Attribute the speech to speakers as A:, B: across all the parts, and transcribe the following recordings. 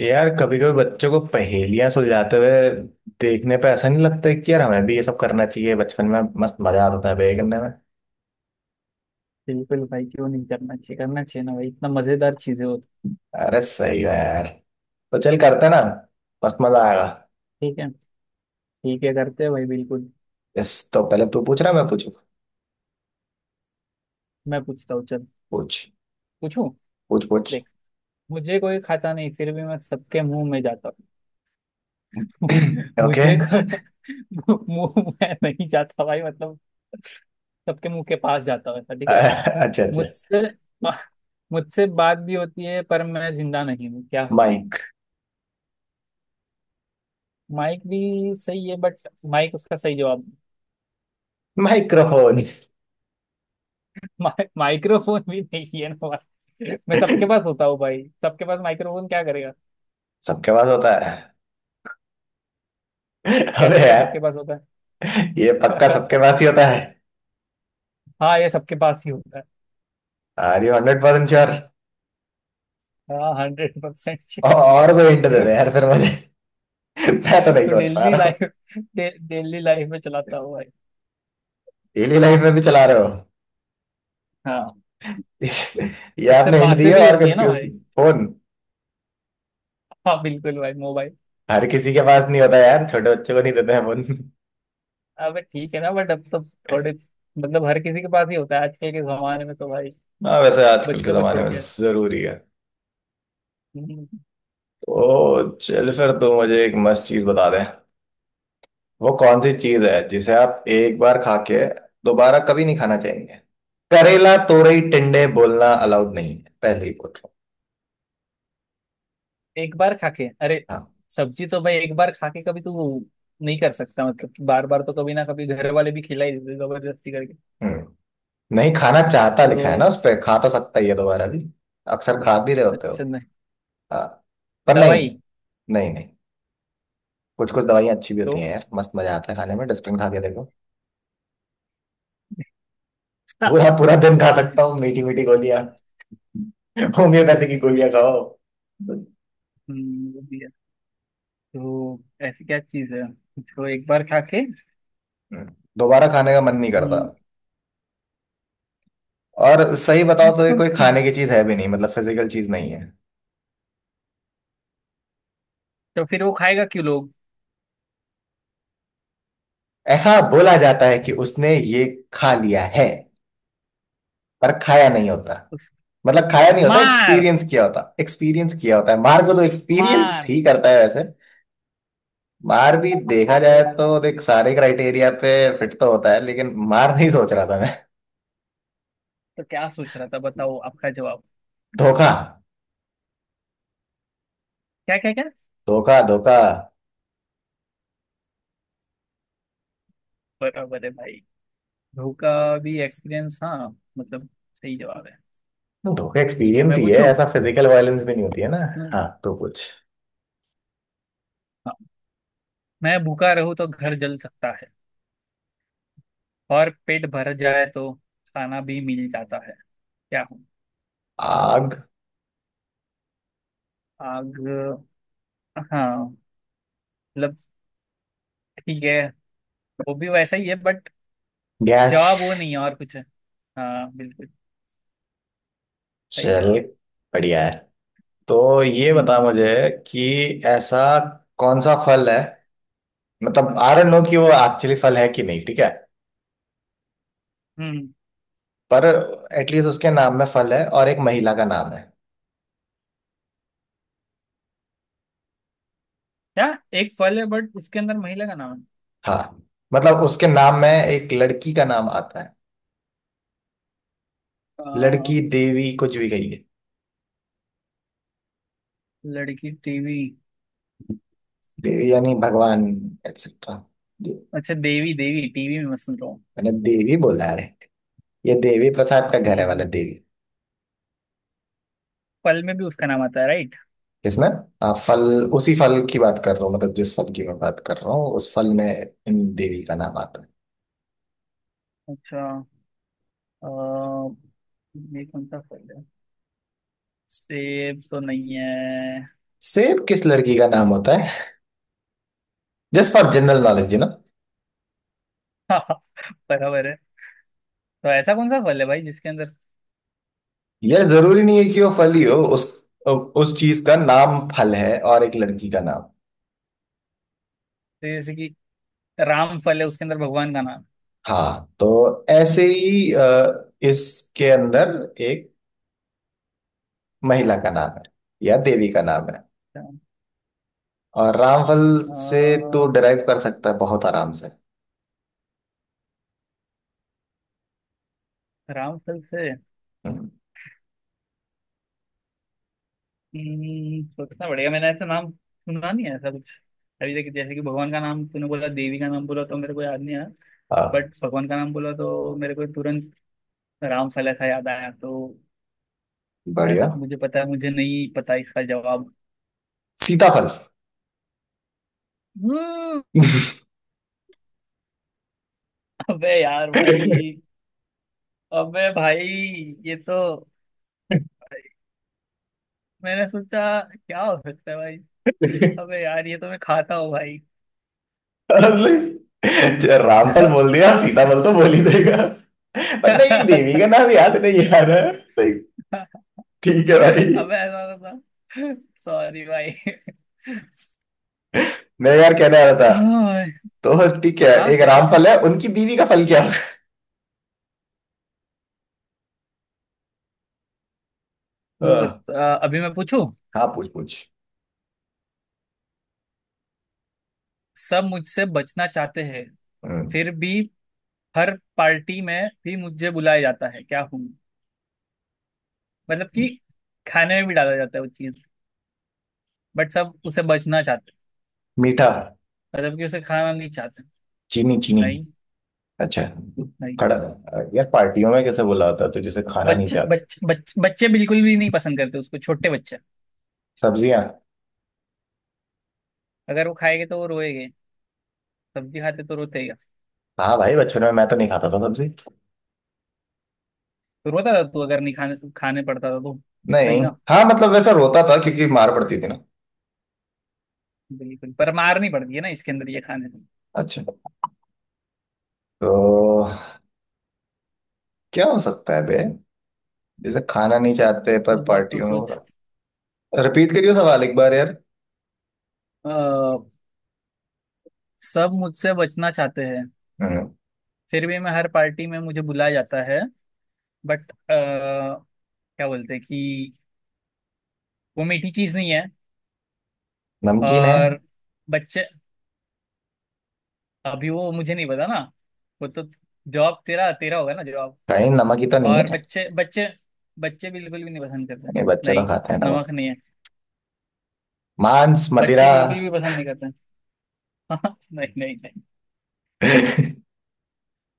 A: यार कभी कभी बच्चों को पहेलियां सुलझाते हुए देखने पे ऐसा नहीं लगता है कि यार हमें भी ये सब करना चाहिए। बचपन में मस्त मजा आता था पहेली करने में।
B: बिल्कुल भाई। क्यों नहीं करना चाहिए? करना चाहिए ना भाई, इतना मजेदार चीजें होती।
A: अरे सही है यार, तो चल करते हैं ना। मस्त मजा आएगा।
B: ठीक है। ठीक है, करते हैं भाई, बिल्कुल।
A: इस तो पहले तू पूछ रहा है, मैं पूछू।
B: मैं पूछता हूँ, चल।
A: पूछ
B: पूछूं?
A: पूछ पूछ।
B: देख, मुझे कोई खाता नहीं, फिर भी मैं सबके मुंह में जाता हूँ। मुझे
A: ओके।
B: कोई मुंह में नहीं जाता भाई, मतलब सबके मुंह के पास जाता हूँ, ऐसा, ठीक है।
A: अच्छा अच्छा।
B: मुझसे मुझसे बात भी होती है पर मैं जिंदा नहीं हूँ। क्या हूँ मैं?
A: माइक।
B: माइक भी सही है बट माइक उसका सही जवाब,
A: माइक्रोफोन।
B: माइक्रोफोन भी नहीं है ना भाई। मैं सबके पास होता हूँ भाई, सबके पास माइक्रोफोन क्या करेगा?
A: सबके पास होता है। अबे
B: कैसे, क्या
A: यार,
B: सबके पास होता है?
A: ये पक्का सबके पास ही होता है।
B: हाँ, ये सबके पास ही होता है।
A: Are you 100% sure?
B: हाँ, 100 परसेंट श्योर।
A: और कोई हिंट दे दे यार फिर मुझे। मैं तो नहीं
B: तो
A: सोच पा
B: डेली
A: रहा हूँ।
B: लाइफ, डेली लाइफ में चलाता हूँ भाई।
A: डेली लाइफ में भी चला रहे हो?
B: हाँ,
A: इस- ये
B: उससे
A: आपने हिंट दी
B: बातें
A: है
B: भी
A: और
B: होती है ना
A: कंफ्यूज की।
B: भाई।
A: फोन।
B: हाँ बिल्कुल भाई, मोबाइल।
A: हर किसी के पास नहीं होता यार, छोटे बच्चों को नहीं देते हैं फोन।
B: अबे ठीक है ना, बट अब तो थोड़े, मतलब हर किसी के पास ही होता है आजकल के जमाने में तो भाई।
A: हाँ वैसे आजकल के
B: बच्चों को
A: जमाने
B: छोड़
A: में जरूरी है।
B: के।
A: तो चल फिर तू मुझे एक मस्त चीज बता दे। वो कौन सी चीज है जिसे आप एक बार खा के दोबारा कभी नहीं खाना चाहेंगे? करेला, तोरई, टिंडे बोलना अलाउड नहीं है, पहले ही बोल रहा हूँ।
B: एक बार खा के? अरे
A: हाँ।
B: सब्जी तो भाई एक बार खा के कभी तू नहीं कर सकता, मतलब कि बार बार तो कभी ना कभी घर वाले भी खिला ही देते जबरदस्ती करके।
A: हम्म। नहीं खाना चाहता लिखा है ना
B: तो
A: उस पे, खा तो सकता ही है दोबारा भी। अक्सर खा भी रहे होते हो।
B: अच्छा नहीं।
A: हाँ। पर नहीं।
B: दवाई
A: नहीं नहीं। कुछ कुछ दवाइयाँ अच्छी भी होती
B: तो
A: हैं यार, मस्त मजा आता है खाने में। डस्टबिन खा के देखो। पूरा पूरा दिन खा सकता हूँ मीठी मीठी गोलियां। होम्योपैथी की
B: बिल्कुल।
A: गोलियां खाओ।
B: वो भी है। तो ऐसी क्या चीज है जो एक बार खा के।
A: दोबारा खाने का मन नहीं करता।
B: हम्म,
A: और सही
B: ऐसा
A: बताओ तो ये
B: कौन
A: कोई
B: सी चीज़
A: खाने
B: है?
A: की चीज है भी नहीं, मतलब फिजिकल चीज नहीं है।
B: तो फिर वो खाएगा क्यों लोग?
A: ऐसा बोला जाता है कि उसने ये खा लिया है पर खाया नहीं होता।
B: उस-
A: मतलब खाया नहीं होता,
B: मार
A: एक्सपीरियंस किया होता। एक्सपीरियंस किया होता है। मार्गो तो एक्सपीरियंस
B: मार
A: ही करता है वैसे। मार भी देखा जाए
B: तो
A: तो देख, सारे क्राइटेरिया पे फिट तो होता है लेकिन मार नहीं सोच रहा था मैं।
B: तो क्या सोच रहा था? बताओ आपका जवाब।
A: धोखा।
B: क्या क्या क्या?
A: धोखा धोखा।
B: बराबर है भाई। ध्रुव का भी एक्सपीरियंस, हाँ मतलब सही जवाब है।
A: नहीं, धोखा
B: ठीक है,
A: एक्सपीरियंस
B: मैं
A: ही है,
B: पूछूं।
A: ऐसा फिजिकल वायलेंस भी नहीं होती है ना।
B: हम्म,
A: हाँ तो कुछ।
B: हाँ। मैं भूखा रहूं तो घर जल सकता है और पेट भर जाए तो खाना भी मिल जाता है। क्या हूँ?
A: आग।
B: आग। हाँ, मतलब ठीक है, वो भी वैसा ही है बट
A: गैस।
B: जवाब वो नहीं है, और कुछ है। हाँ बिल्कुल, सही
A: चल,
B: जवाब।
A: बढ़िया है। तो ये बता
B: हम्म।
A: मुझे कि ऐसा कौन सा फल है, मतलब आई डोंट नो
B: हम्म।
A: कि वो एक्चुअली फल है कि नहीं, ठीक है,
B: हम्म,
A: पर एटलीस्ट उसके नाम में फल है और एक महिला का नाम है।
B: क्या? एक फल है बट उसके अंदर महिला का नाम है?
A: हाँ मतलब उसके नाम में एक लड़की का नाम आता है।
B: आ,
A: लड़की देवी कुछ भी कही है।
B: लड़की टीवी?
A: देवी यानी भगवान एक्सेट्रा।
B: अच्छा, देवी। देवी टीवी में मैं सुन रहा
A: मैंने देवी बोला है। ये देवी प्रसाद का घर है वाला
B: हूँ।
A: देवी।
B: फल में भी उसका नाम आता है, राइट?
A: इसमें। फल। उसी फल की बात कर रहा हूँ, मतलब जिस फल की मैं बात कर रहा हूँ उस फल में इन देवी का नाम आता है।
B: अच्छा, अ, ये कौन सा फल है? सेब तो नहीं है?
A: सेब किस लड़की का नाम होता है? Just for general knowledge you no.
B: बराबर है। तो ऐसा कौन सा फल है भाई जिसके अंदर,
A: यह जरूरी नहीं है कि वो फल ही हो, उस चीज का नाम फल है और एक लड़की का नाम।
B: जैसे कि राम फल है उसके अंदर भगवान का नाम है।
A: हाँ तो ऐसे ही इसके अंदर एक महिला का नाम है या देवी का नाम है।
B: अच्छा,
A: और रामफल
B: अ,
A: से तो डिराइव कर सकता है बहुत आराम से।
B: राम फल से?
A: हम्म।
B: सोचना पड़ेगा, मैंने ऐसा नाम सुना नहीं है ऐसा कुछ अभी तक। जैसे कि भगवान का नाम तूने बोला, देवी का नाम बोला तो मेरे को याद नहीं आया,
A: हाँ,
B: बट भगवान का नाम बोला तो मेरे को तुरंत राम फल ऐसा याद आया। तो जहाँ
A: बढ़िया।
B: तक मुझे पता है, मुझे नहीं पता इसका जवाब।
A: सीताफल।
B: हम्म। अबे यार भाई, अबे भाई, ये तो, मैंने सोचा क्या हो सकता है भाई। अबे यार ये तो मैं खाता हूँ भाई।
A: Honestly, जो रामफल बोल दिया सीताफल तो बोल ही देगा। पर नहीं, देवी
B: अबे
A: का नाम याद नहीं आ रहा है। नहीं, ठीक है भाई।
B: ऐसा होता। सॉरी भाई।
A: मैं यार कहने आ रहा था,
B: हाँ।
A: तो ठीक है।
B: हाँ,
A: एक
B: क्या क्या क्या?
A: रामफल है, उनकी बीवी का फल क्या
B: तू
A: होगा?
B: बता, अभी मैं पूछूं।
A: हाँ पूछ पूछ।
B: सब मुझसे बचना चाहते हैं
A: हम्म।
B: फिर भी हर पार्टी में भी मुझे बुलाया जाता है। क्या हूँ? मतलब कि खाने में भी डाला जाता है वो चीज बट सब उसे बचना चाहते हैं,
A: मीठा।
B: मतलब कि उसे खाना नहीं चाहते।
A: चीनी चीनी।
B: नहीं।
A: अच्छा।
B: नहीं।
A: खड़ा। यार पार्टियों में कैसे बुलाता है तुझे से खाना नहीं
B: बच्चे
A: चाहते?
B: बच्चे बच्चे बच्चे बिल्कुल भी नहीं पसंद करते उसको, छोटे बच्चे।
A: सब्जियां।
B: अगर वो खाएंगे तो वो रोएंगे। सब्जी खाते तो रोते ही हैं।
A: हाँ भाई बचपन में मैं तो नहीं खाता था सब्जी।
B: तो रोता था तू अगर नहीं खाने खाने पड़ता था तो?
A: नहीं।
B: नहीं ना?
A: हाँ मतलब वैसा रोता था क्योंकि मार पड़ती थी ना।
B: बिल्कुल, पर मारनी पड़ती है ना इसके अंदर, ये खाने में।
A: अच्छा। तो क्या हो सकता है बे, जैसे खाना नहीं चाहते पर
B: तू सोच, तू
A: पार्टियों में हो
B: सोच।
A: रहा? रिपीट करियो सवाल एक बार यार।
B: अ, सब मुझसे बचना चाहते हैं
A: हम्म।
B: फिर भी मैं हर पार्टी में मुझे बुलाया जाता है बट क्या बोलते हैं कि वो मीठी चीज नहीं है।
A: नमकीन है।
B: और बच्चे, अभी वो मुझे नहीं पता ना, वो तो जॉब तेरा तेरा होगा ना जॉब।
A: कहीं नमक ही तो नहीं है?
B: और बच्चे बच्चे बच्चे बिल्कुल भी नहीं पसंद करते।
A: नहीं, बच्चे तो
B: नहीं,
A: खाते हैं नमक।
B: नमक नहीं है।
A: मांस
B: बच्चे
A: मदिरा।
B: बिल्कुल भी पसंद नहीं करते। नहीं नहीं नहीं।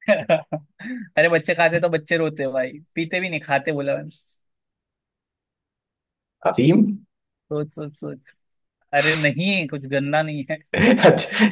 B: अरे बच्चे खाते तो बच्चे रोते भाई, पीते भी नहीं, खाते बोला मैंने।
A: अफीम।
B: सोच सोच सोच। अरे नहीं, कुछ गंदा नहीं है।
A: अच्छा।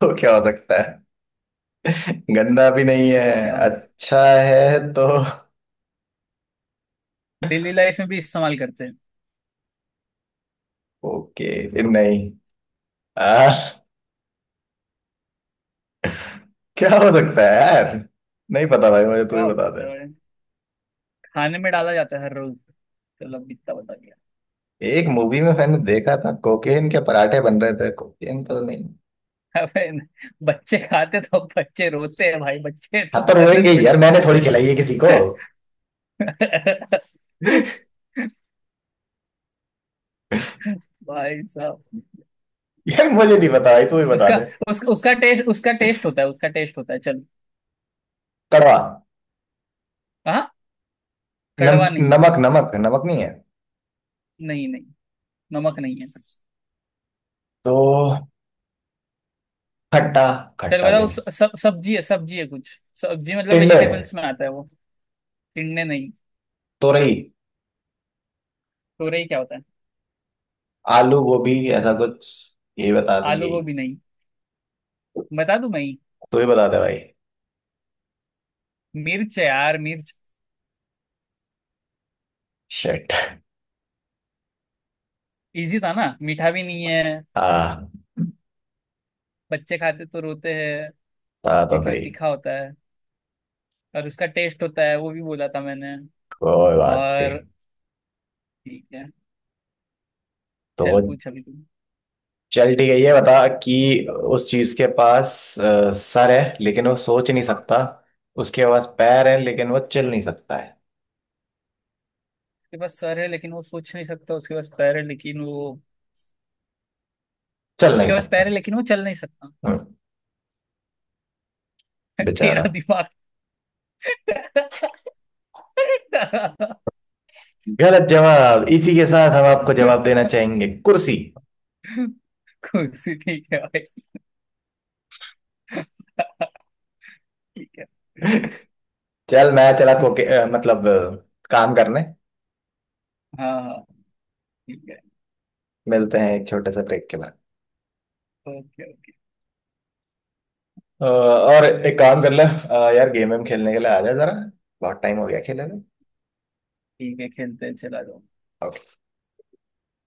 A: तो क्या हो सकता है, गंदा भी
B: सोच
A: नहीं
B: सोच,
A: है
B: क्या हो।
A: अच्छा है तो।
B: डेली लाइफ में भी इस्तेमाल करते हैं।
A: ओके फिर नहीं। आ, क्या हो सकता है यार, नहीं पता भाई मुझे, तू
B: क्या
A: ही
B: हो
A: बता
B: सकता
A: दे।
B: है भाई? खाने में डाला जाता है हर रोज। चलो अब इतना बता।
A: एक मूवी में मैंने देखा था कोकेन के पराठे बन रहे थे, कोकेन तो नहीं?
B: अबे न- बच्चे खाते तो बच्चे रोते हैं भाई, बच्चे
A: हाँ
B: तो
A: तो
B: मदद
A: रोएंगे ही
B: थोड़ी
A: यार, मैंने
B: करने,
A: थोड़ी
B: बच्चे।
A: खिलाई है किसी को।
B: भाई साहब,
A: यार मुझे नहीं पता भाई, तू ही बता
B: उसका
A: दे।
B: उसका उसका टेस्ट, उसका टेस्ट होता है, उसका टेस्ट होता है, चल।
A: कड़वा।
B: हाँ,
A: नम
B: कड़वा नहीं।
A: नमक नमक नमक नहीं है।
B: नहीं नहीं, नमक नहीं है।
A: तो खट्टा।
B: चल
A: खट्टा भी
B: बताओ,
A: नहीं।
B: स- सब सब्जी है, सब्जी है कुछ, सब्जी मतलब
A: टिंडे।
B: वेजिटेबल्स में आता है वो। टिंडे नहीं।
A: तोरई।
B: तोरई क्या होता है?
A: आलू गोभी ऐसा कुछ। यही बता दे
B: आलू
A: यही।
B: गोभी नहीं। बता दूं मैं ही?
A: तू ही बता दे भाई।
B: मिर्च है यार, मिर्च।
A: शिट।
B: इजी था ना, मीठा भी नहीं है।
A: हाँ,
B: बच्चे खाते तो रोते हैं
A: था तो
B: क्योंकि वो
A: सही।
B: तीखा होता है, और उसका टेस्ट होता है वो भी बोला था मैंने।
A: कोई बात नहीं।
B: और ठीक है,
A: तो
B: चल पूछ अभी तू।
A: चल ठीक है ये बता कि उस चीज के पास सर है लेकिन वो सोच नहीं सकता, उसके पास पैर है लेकिन वो चल नहीं सकता है।
B: उसके पास सर है लेकिन वो सोच नहीं सकता। उसके पास पैर है लेकिन वो,
A: चल नहीं
B: उसके पास
A: सकता।
B: पैर है लेकिन वो चल नहीं सकता।
A: हम्म।
B: तेरा
A: बेचारा।
B: दिमाग।
A: गलत जवाब, इसी के साथ हम आपको जवाब देना चाहेंगे, कुर्सी।
B: कुर्सी? ठीक है भाई। ठीक है।
A: चल मैं चला खोके, मतलब काम करने।
B: हाँ हाँ, ठीक है।
A: मिलते हैं एक छोटे से ब्रेक के बाद।
B: Okay okay.
A: और एक काम कर ले, यार गेम वेम खेलने के लिए आ जा जरा, बहुत टाइम हो गया खेले हुए।
B: ठीक है, खेलते हैं, चला जाओ।
A: Okay.